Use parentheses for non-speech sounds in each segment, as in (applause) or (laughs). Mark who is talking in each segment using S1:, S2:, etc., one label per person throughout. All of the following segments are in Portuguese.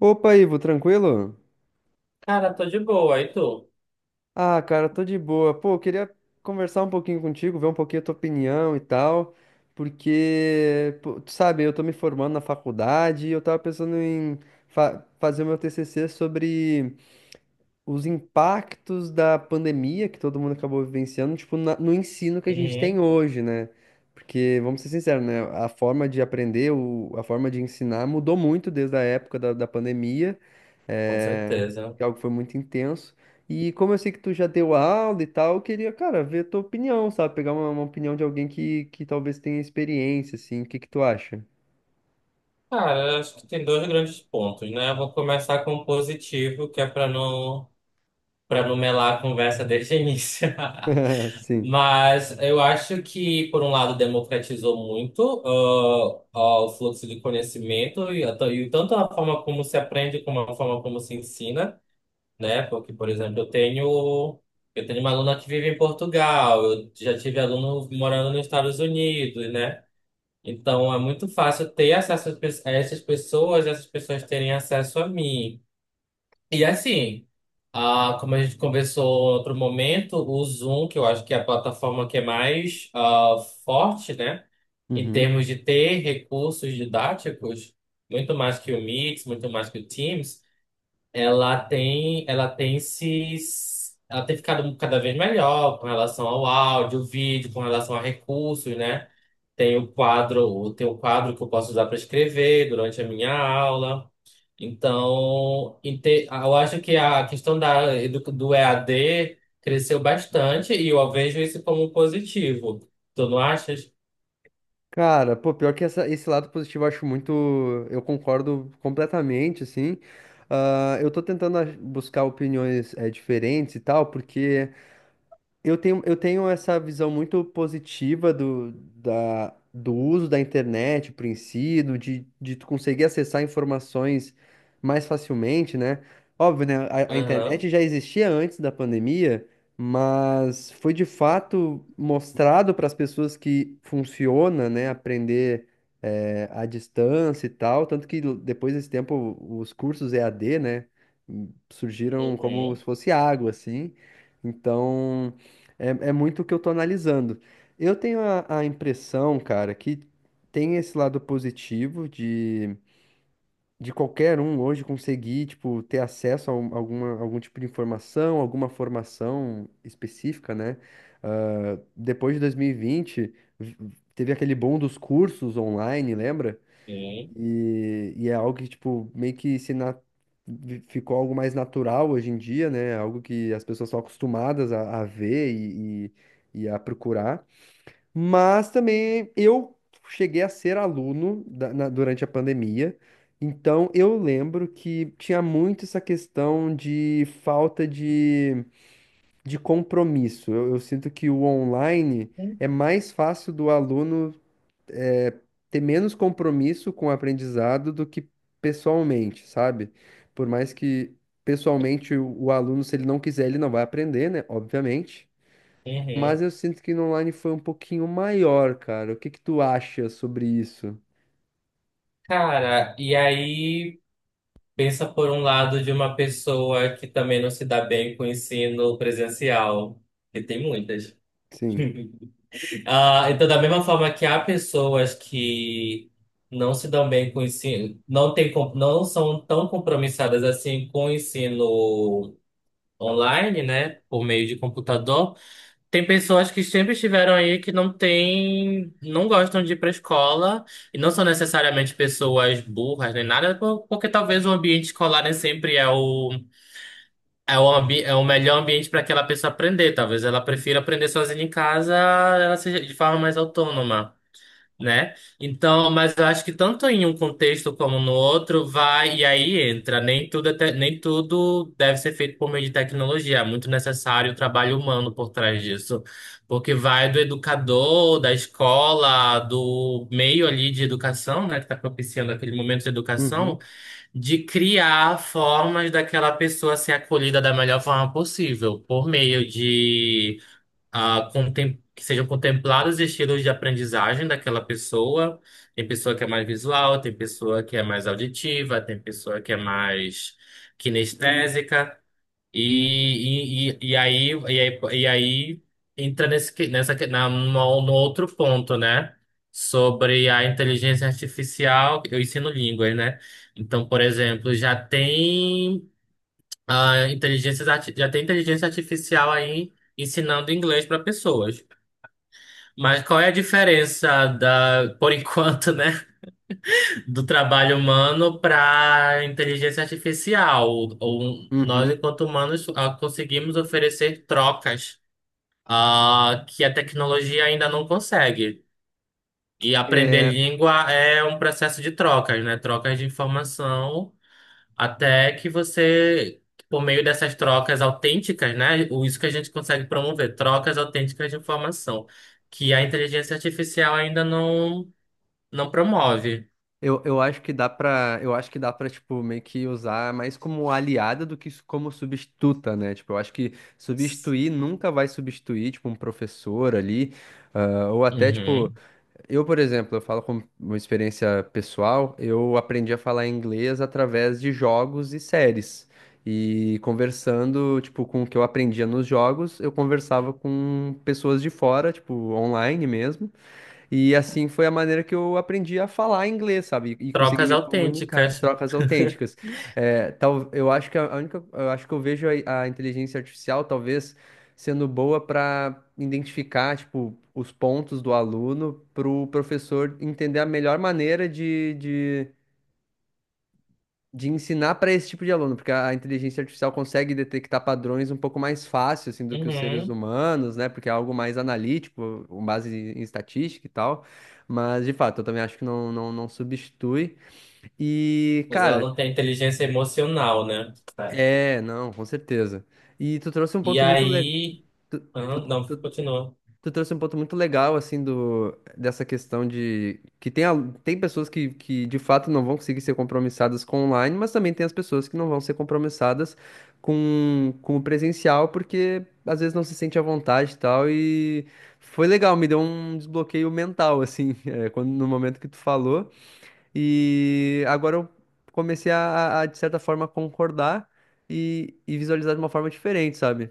S1: Opa, Ivo, tranquilo?
S2: Cara, tô de boa, e tu?
S1: Ah, cara, tô de boa. Pô, eu queria conversar um pouquinho contigo, ver um pouquinho a tua opinião e tal, porque, pô, tu sabe, eu tô me formando na faculdade e eu tava pensando em fazer o meu TCC sobre os impactos da pandemia que todo mundo acabou vivenciando, tipo, no ensino que a gente tem
S2: Uhum,
S1: hoje, né? Porque, vamos ser sinceros, né? A forma de aprender, a forma de ensinar mudou muito desde a época da pandemia,
S2: com
S1: é,
S2: certeza.
S1: que é algo que foi muito intenso. E como eu sei que tu já deu aula e tal, eu queria, cara, ver a tua opinião, sabe? Pegar uma opinião de alguém que talvez tenha experiência, assim. O que que tu acha?
S2: Cara, eu acho que tem dois grandes pontos, né? Eu vou começar com o positivo, que é pra não, para não melar a conversa desde o início. (laughs)
S1: (laughs) Sim.
S2: Mas eu acho que, por um lado, democratizou muito o fluxo de conhecimento e tanto a forma como se aprende como a forma como se ensina, né? Porque, por exemplo, eu tenho uma aluna que vive em Portugal, eu já tive aluno morando nos Estados Unidos, né? Então é muito fácil ter acesso a essas pessoas terem acesso a mim. E assim, como a gente conversou em outro momento, o Zoom, que eu acho que é a plataforma que é mais forte, né, em
S1: Uhum.
S2: termos de ter recursos didáticos, muito mais que o Meet, muito mais que o Teams. Ela tem se Ela tem ficado cada vez melhor com relação ao áudio, vídeo, com relação a recursos, né? Tem o quadro, tem um quadro que eu posso usar para escrever durante a minha aula. Então, eu acho que a questão do EAD cresceu bastante e eu vejo isso como positivo. Tu não achas?
S1: Cara, pô, pior que esse lado positivo eu acho muito. Eu concordo completamente, assim. Ah, eu tô tentando buscar opiniões diferentes e tal, porque. Eu tenho essa visão muito positiva do uso da internet, por em si, de tu conseguir acessar informações mais facilmente, né? Óbvio, né? A
S2: Aham.
S1: internet já existia antes da pandemia, mas foi de fato mostrado para as pessoas que funciona, né? Aprender à distância e tal. Tanto que depois desse tempo, os cursos EAD, né? Surgiram como
S2: Uhum.
S1: se fosse água, assim. Então. É, é muito o que eu tô analisando. Eu tenho a impressão, cara, que tem esse lado positivo de qualquer um hoje conseguir, tipo, ter acesso a alguma, algum tipo de informação, alguma formação específica, né? Ah, depois de 2020, teve aquele boom dos cursos online, lembra?
S2: Sim.
S1: E é algo que, tipo, meio que se na- vi- ficou algo mais natural hoje em dia, né? Algo que as pessoas estão acostumadas a ver e a procurar. Mas também eu cheguei a ser aluno durante a pandemia. Então eu lembro que tinha muito essa questão de falta de compromisso. Eu sinto que o online é mais fácil do aluno é, ter menos compromisso com o aprendizado do que pessoalmente, sabe? Por mais que pessoalmente o aluno, se ele não quiser, ele não vai aprender, né? Obviamente. Mas
S2: Uhum.
S1: eu sinto que no online foi um pouquinho maior, cara. O que que tu acha sobre isso?
S2: Cara, e aí pensa por um lado de uma pessoa que também não se dá bem com o ensino presencial, que tem muitas.
S1: Sim.
S2: Ah, então, da mesma forma que há pessoas que não se dão bem com o ensino, não são tão compromissadas assim com o ensino online, né, por meio de computador, tem pessoas que sempre estiveram aí que não têm, não gostam de ir para a escola e não são necessariamente pessoas burras nem nada, porque talvez o ambiente escolar nem sempre é o É o, ambi é o melhor ambiente para aquela pessoa aprender. Talvez ela prefira aprender sozinha em casa, ela seja de forma mais autônoma, né? Então, mas eu acho que tanto em um contexto como no outro vai e aí entra. Nem tudo deve ser feito por meio de tecnologia. É muito necessário o trabalho humano por trás disso, porque vai do educador, da escola, do meio ali de educação, né, que está propiciando aquele momento de
S1: Uhum.
S2: educação, de criar formas daquela pessoa ser acolhida da melhor forma possível, por meio de que sejam contemplados estilos de aprendizagem daquela pessoa. Tem pessoa que é mais visual, tem pessoa que é mais auditiva, tem pessoa que é mais kinestésica. E aí, e aí, e aí entra nesse, que- nessa, que- na, no, no outro ponto, né? Sobre a inteligência artificial, eu ensino línguas, né? Então, por exemplo, já tem inteligência artificial aí ensinando inglês para pessoas. Mas qual é a diferença da, por enquanto, né, do trabalho humano para inteligência artificial? Ou nós,
S1: Uhum.
S2: enquanto humanos, conseguimos oferecer trocas, que a tecnologia ainda não consegue. E aprender língua é um processo de trocas, né? Trocas de informação até que você, por meio dessas trocas autênticas, né? Isso que a gente consegue promover, trocas autênticas de informação, que a inteligência artificial ainda não promove.
S1: Eu acho que dá pra, eu acho que dá pra, tipo, meio que usar mais como aliada do que como substituta, né? Tipo, eu acho que substituir nunca vai substituir, tipo, um professor ali, ah, ou até, tipo,
S2: Uhum.
S1: eu, por exemplo, eu falo com uma experiência pessoal, eu aprendi a falar inglês através de jogos e séries. E conversando, tipo, com o que eu aprendia nos jogos eu conversava com pessoas de fora tipo online mesmo e assim foi a maneira que eu aprendi a falar inglês, sabe? E conseguir
S2: Trocas
S1: me comunicar,
S2: autênticas.
S1: trocas autênticas. É, tal, eu acho que a única, eu acho que eu vejo a inteligência artificial talvez sendo boa para identificar, tipo, os pontos do aluno para o professor entender a melhor maneira de ensinar para esse tipo de aluno, porque a inteligência artificial consegue detectar padrões um pouco mais fácil assim do que os seres
S2: Uhum.
S1: humanos, né? Porque é algo mais analítico, com base em estatística e tal. Mas de fato, eu também acho que não, não, não substitui. E,
S2: Mas ela
S1: cara,
S2: não tem inteligência emocional, né? É.
S1: é, não, com certeza. E tu trouxe um
S2: E
S1: ponto muito legal.
S2: aí. Ah, não, continua.
S1: Tu trouxe um ponto muito legal, assim, do, dessa questão de que tem, tem pessoas que de fato não vão conseguir ser compromissadas com online, mas também tem as pessoas que não vão ser compromissadas com o presencial, porque às vezes não se sente à vontade e tal. E foi legal, me deu um desbloqueio mental, assim, (laughs) é, quando, no momento que tu falou. E agora eu comecei de certa forma, concordar e visualizar de uma forma diferente, sabe?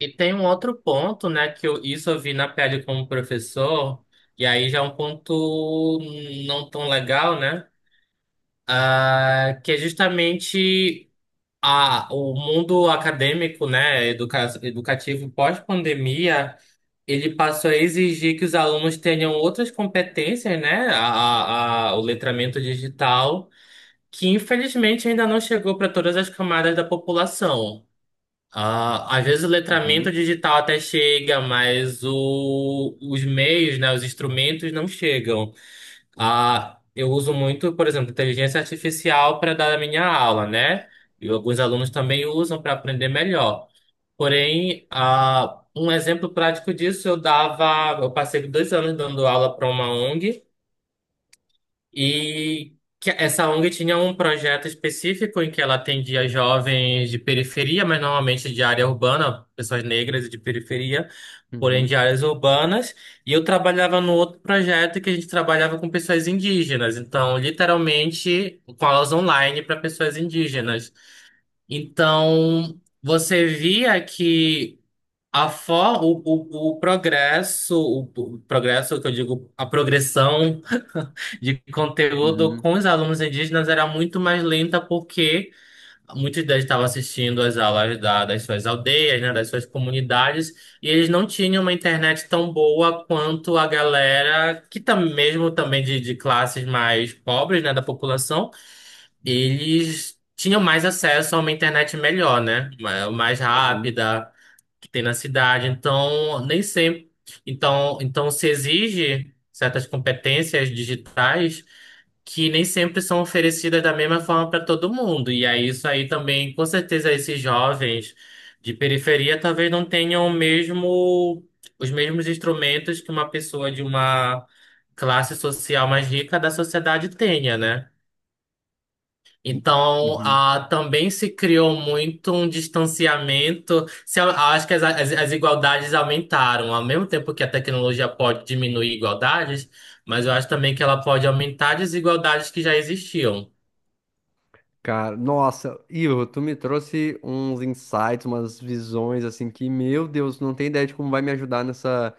S2: E tem um outro ponto, né? Isso eu vi na pele como professor, e aí já é um ponto não tão legal, né? É, que é justamente o mundo acadêmico, né, educa, educativo pós-pandemia, ele passou a exigir que os alunos tenham outras competências, né, o letramento digital, que infelizmente ainda não chegou para todas as camadas da população. Ah, às vezes o letramento
S1: Uhum,
S2: digital até chega, mas os meios, né, os instrumentos não chegam. Ah, eu uso muito, por exemplo, inteligência artificial para dar a minha aula, né? E alguns alunos também usam para aprender melhor. Porém, ah, um exemplo prático disso, eu dava, eu passei dois anos dando aula para uma ONG e que essa ONG tinha um projeto específico em que ela atendia jovens de periferia, mas normalmente de área urbana, pessoas negras e de periferia, porém de
S1: uhum,
S2: áreas urbanas, e eu trabalhava no outro projeto que a gente trabalhava com pessoas indígenas, então literalmente com aulas online para pessoas indígenas. Então você via que a for, o, o, o progresso, o, o progresso que eu digo, a progressão de conteúdo
S1: uhum,
S2: com os alunos indígenas era muito mais lenta, porque muitos deles estavam assistindo às aulas das suas aldeias, né, das suas comunidades, e eles não tinham uma internet tão boa quanto a galera mesmo também de classes mais pobres, né, da população, eles tinham mais acesso a uma internet melhor, né, mais
S1: uhum,
S2: rápida que tem na cidade. Então, nem sempre. Então, então se exige certas competências digitais que nem sempre são oferecidas da mesma forma para todo mundo. E aí isso aí também, com certeza, esses jovens de periferia talvez não tenham o mesmo, os mesmos instrumentos que uma pessoa de uma classe social mais rica da sociedade tenha, né? Então,
S1: uhum.
S2: ah, também se criou muito um distanciamento. Se, Eu acho que as igualdades aumentaram, ao mesmo tempo que a tecnologia pode diminuir igualdades, mas eu acho também que ela pode aumentar desigualdades que já existiam.
S1: Cara, nossa, Ivo, tu me trouxe uns insights, umas visões assim que, meu Deus, não tem ideia de como vai me ajudar nessa,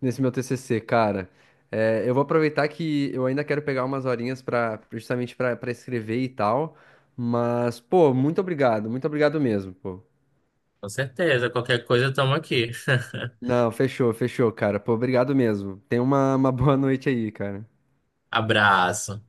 S1: nesse meu TCC, cara. É, eu vou aproveitar que eu ainda quero pegar umas horinhas para justamente para escrever e tal, mas pô, muito obrigado mesmo, pô.
S2: Com certeza, qualquer coisa, estamos aqui.
S1: Não, fechou, fechou, cara. Pô, obrigado mesmo. Tenha uma boa noite aí, cara.
S2: (laughs) Abraço.